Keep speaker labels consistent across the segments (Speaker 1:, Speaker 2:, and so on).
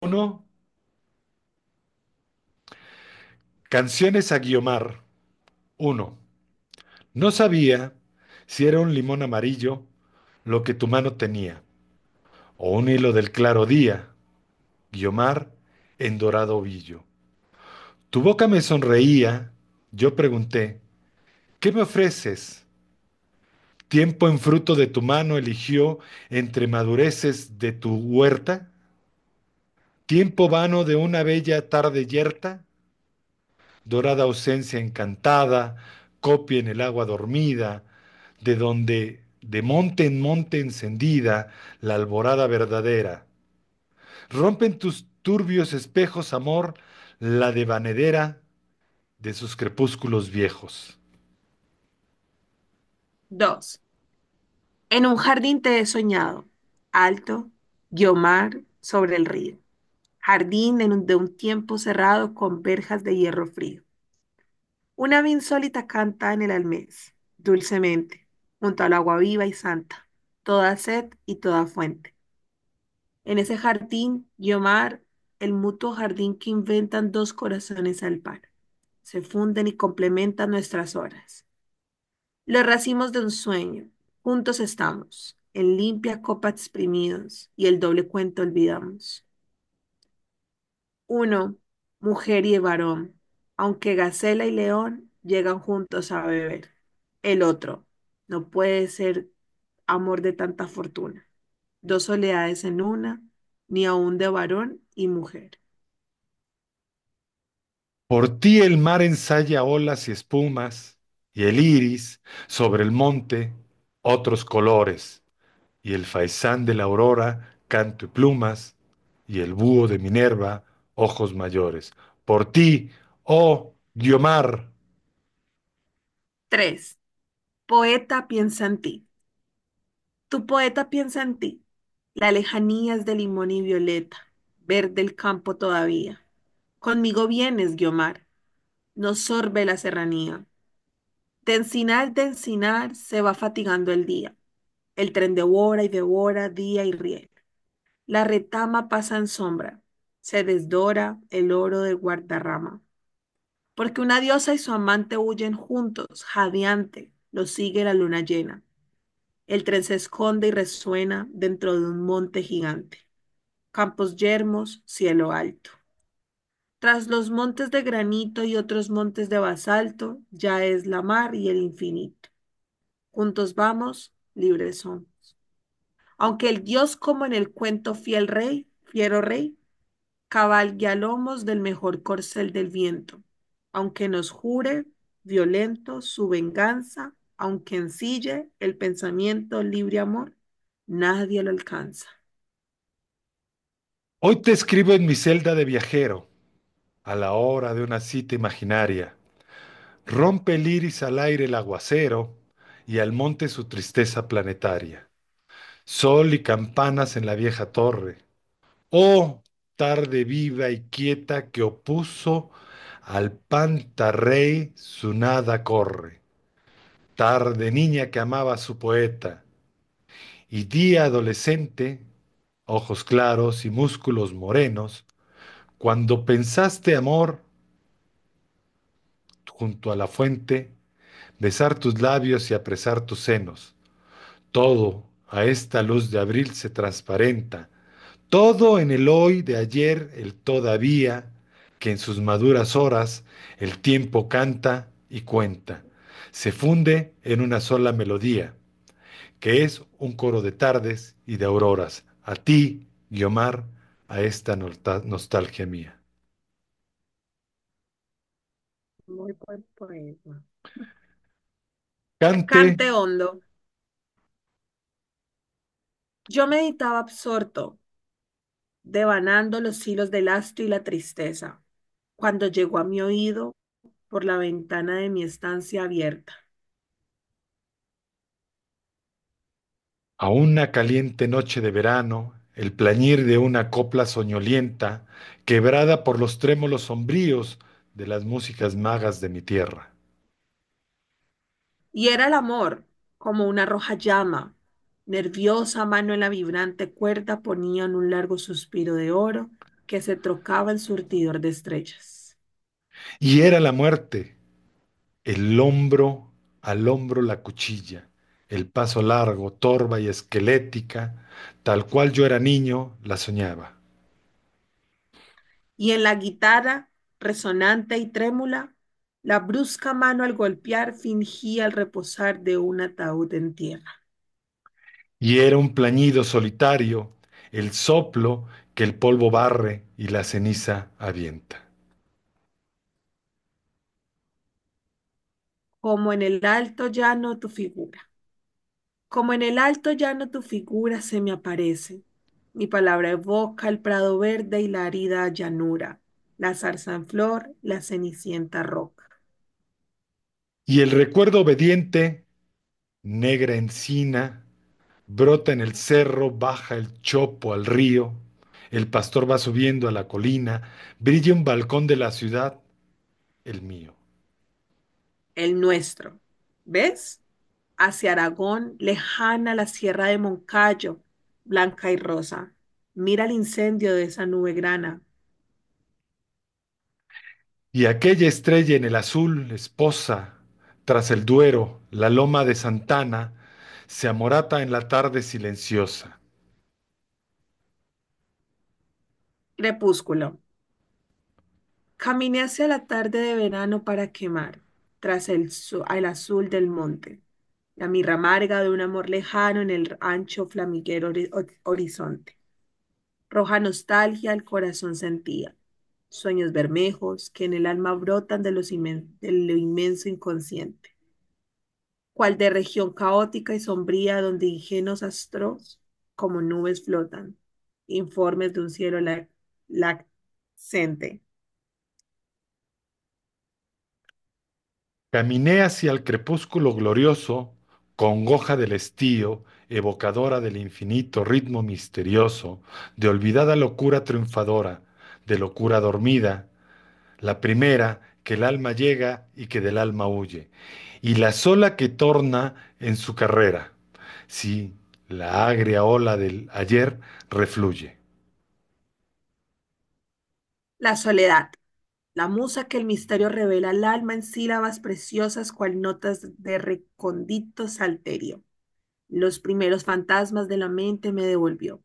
Speaker 1: Uno, canciones a Guiomar. Uno, no sabía si era un limón amarillo lo que tu mano tenía, o un hilo del claro día, Guiomar, en dorado ovillo. Tu boca me sonreía, yo pregunté, ¿qué me ofreces? Tiempo en fruto de tu mano eligió entre madureces de tu huerta, tiempo vano de una bella tarde yerta, dorada ausencia encantada, copia en el agua dormida, de donde, de monte en monte encendida, la alborada verdadera. Rompen tus turbios espejos, amor, la devanadera de sus crepúsculos viejos.
Speaker 2: Dos. En un jardín te he soñado, alto, Guiomar sobre el río. Jardín de un tiempo cerrado con verjas de hierro frío. Una ave insólita canta en el almés, dulcemente, junto al agua viva y santa, toda sed y toda fuente. En ese jardín, Guiomar, el mutuo jardín que inventan dos corazones al par, se funden y complementan nuestras horas. Los racimos de un sueño, juntos estamos, en limpia copa exprimidos y el doble cuento olvidamos. Uno, mujer y varón, aunque gacela y león llegan juntos a beber. El otro, no puede ser amor de tanta fortuna, dos soledades en una, ni aun de varón y mujer.
Speaker 1: Por ti el mar ensaya olas y espumas, y el iris sobre el monte otros colores. Y el faisán de la aurora, canto y plumas, y el búho de Minerva, ojos mayores. Por ti, oh Guiomar,
Speaker 2: Tres, poeta piensa en ti, Tu poeta piensa en ti. La lejanía es de limón y violeta, verde el campo todavía. Conmigo vienes, Guiomar, nos sorbe la serranía. De encinar, se va fatigando el día. El tren devora y devora día y riel. La retama pasa en sombra, se desdora el oro del Guardarrama. Porque una diosa y su amante huyen juntos, jadeante, lo sigue la luna llena. El tren se esconde y resuena dentro de un monte gigante. Campos yermos, cielo alto. Tras los montes de granito y otros montes de basalto, ya es la mar y el infinito. Juntos vamos, libres son. Aunque el dios, como en el cuento fiel rey, fiero rey, cabalgue a lomos del mejor corcel del viento. Aunque nos jure, violento, su venganza, aunque ensille el pensamiento libre amor, nadie lo alcanza.
Speaker 1: hoy te escribo en mi celda de viajero, a la hora de una cita imaginaria. Rompe el iris al aire el aguacero, y al monte su tristeza planetaria. Sol y campanas en la vieja torre. Oh, tarde viva y quieta que opuso al pantarrey su nada corre. Tarde niña que amaba a su poeta, y día adolescente, ojos claros y músculos morenos, cuando pensaste amor junto a la fuente, besar tus labios y apresar tus senos, todo a esta luz de abril se transparenta, todo en el hoy de ayer, el todavía, que en sus maduras horas el tiempo canta y cuenta, se funde en una sola melodía que es un coro de tardes y de auroras, a ti, Guiomar, a esta nostalgia mía.
Speaker 2: Muy buen poema.
Speaker 1: Cante
Speaker 2: Cante hondo. Yo meditaba absorto, devanando los hilos del astro y la tristeza, cuando llegó a mi oído por la ventana de mi estancia abierta.
Speaker 1: a una caliente noche de verano el plañir de una copla soñolienta, quebrada por los trémolos sombríos de las músicas magas de mi tierra.
Speaker 2: Y era el amor, como una roja llama. Nerviosa mano en la vibrante cuerda ponían un largo suspiro de oro que se trocaba el surtidor de estrellas.
Speaker 1: Y era la muerte, el hombro al hombro la cuchilla, el paso largo, torva y esquelética, tal cual yo era niño, la soñaba.
Speaker 2: Y en la guitarra, resonante y trémula, la brusca mano al golpear fingía el reposar de un ataúd en tierra.
Speaker 1: Y era un plañido solitario, el soplo que el polvo barre y la ceniza avienta.
Speaker 2: Como en el alto llano tu figura. Como en el alto llano tu figura se me aparece. Mi palabra evoca el prado verde y la arida llanura, la zarza en flor, la cenicienta roca.
Speaker 1: Y el recuerdo obediente, negra encina, brota en el cerro, baja el chopo al río, el pastor va subiendo a la colina, brilla un balcón de la ciudad, el mío.
Speaker 2: El nuestro. ¿Ves? Hacia Aragón, lejana la sierra de Moncayo, blanca y rosa. Mira el incendio de esa nube grana.
Speaker 1: Y aquella estrella en el azul, esposa, tras el Duero, la loma de Santana, se amorata en la tarde silenciosa.
Speaker 2: Crepúsculo. Caminé hacia la tarde de verano para quemar, al azul del monte, la mirra amarga de un amor lejano en el ancho flamiguero horizonte. Roja nostalgia el corazón sentía, sueños bermejos que en el alma brotan de lo inmenso inconsciente, cual de región caótica y sombría donde ingenuos astros como nubes flotan, informes de un cielo lac-
Speaker 1: Caminé hacia el crepúsculo glorioso, congoja del estío, evocadora del infinito ritmo misterioso, de olvidada locura triunfadora, de locura dormida, la primera que el alma llega y que del alma huye, y la sola que torna en su carrera, si la agria ola del ayer refluye.
Speaker 2: La soledad. La musa que el misterio revela al alma en sílabas preciosas cual notas de recóndito salterio. Los primeros fantasmas de la mente me devolvió,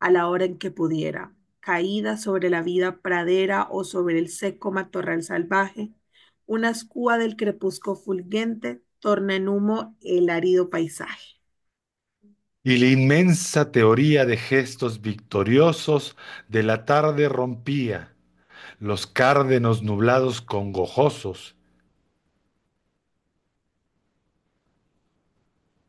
Speaker 2: a la hora en que pudiera, caída sobre la vida pradera o sobre el seco matorral salvaje, una escúa del crepúsculo fulgente torna en humo el árido paisaje.
Speaker 1: Y la inmensa teoría de gestos victoriosos de la tarde rompía los cárdenos nublados congojosos,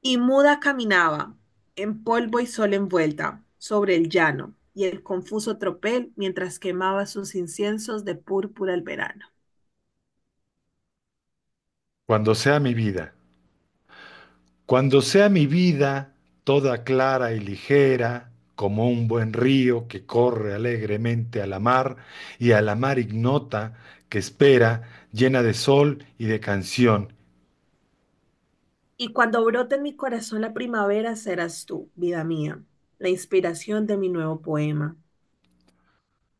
Speaker 2: Y muda caminaba, en polvo y sol envuelta, sobre el llano y el confuso tropel mientras quemaba sus inciensos de púrpura el verano.
Speaker 1: cuando sea mi vida, cuando sea mi vida toda clara y ligera, como un buen río que corre alegremente a la mar y a la mar ignota que espera, llena de sol y de canción,
Speaker 2: Y cuando brote en mi corazón la primavera, serás tú, vida mía, la inspiración de mi nuevo poema.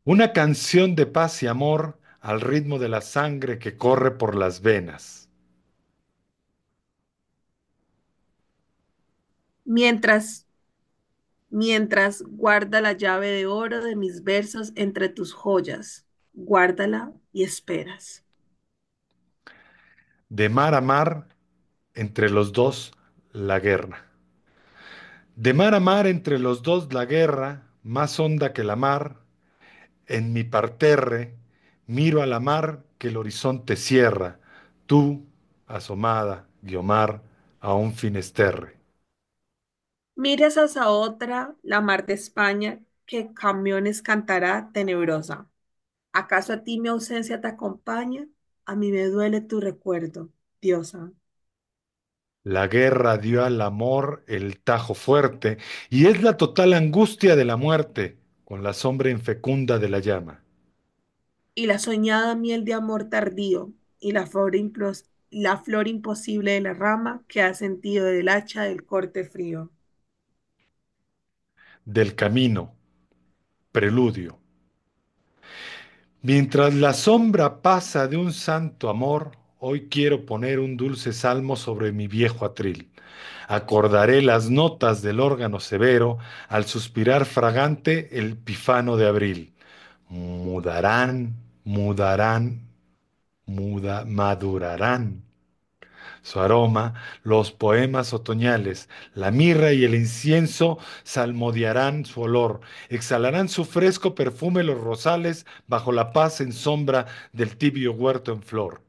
Speaker 1: una canción de paz y amor al ritmo de la sangre que corre por las venas,
Speaker 2: Mientras, mientras guarda la llave de oro de mis versos entre tus joyas, guárdala y esperas.
Speaker 1: de mar a mar, entre los dos, la guerra. De mar a mar entre los dos la guerra, más honda que la mar, en mi parterre, miro a la mar que el horizonte cierra, tú, asomada, Guiomar, a un finesterre.
Speaker 2: Miras hacia otra, la mar de España, que camiones cantará tenebrosa. ¿Acaso a ti mi ausencia te acompaña? A mí me duele tu recuerdo, diosa.
Speaker 1: La guerra dio al amor el tajo fuerte, y es la total angustia de la muerte, con la sombra infecunda de la llama,
Speaker 2: Y la soñada miel de amor tardío, y la flor imposible de la rama que ha sentido del hacha del corte frío.
Speaker 1: del camino, preludio, mientras la sombra pasa de un santo amor, hoy quiero poner un dulce salmo sobre mi viejo atril. Acordaré las notas del órgano severo al suspirar fragante el pifano de abril. Mudarán, mudarán, madurarán su aroma, los poemas otoñales, la mirra y el incienso salmodiarán su olor, exhalarán su fresco perfume los rosales bajo la paz en sombra del tibio huerto en flor.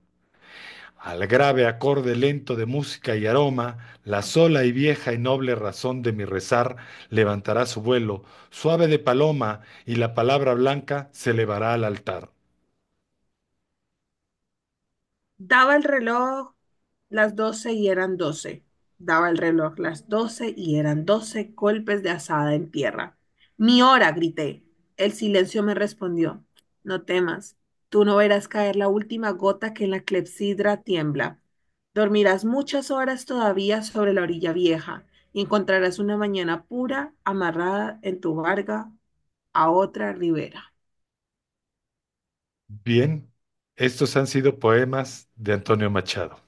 Speaker 1: Al grave acorde lento de música y aroma, la sola y vieja y noble razón de mi rezar levantará su vuelo, suave de paloma, y la palabra blanca se elevará al altar.
Speaker 2: Daba el reloj Las 12 y eran 12. Daba el reloj las 12 y eran doce, golpes de azada en tierra. Mi hora, grité. El silencio me respondió. No temas. Tú no verás caer la última gota que en la clepsidra tiembla. Dormirás muchas horas todavía sobre la orilla vieja y encontrarás una mañana pura amarrada en tu barca a otra ribera.
Speaker 1: Bien, estos han sido poemas de Antonio Machado.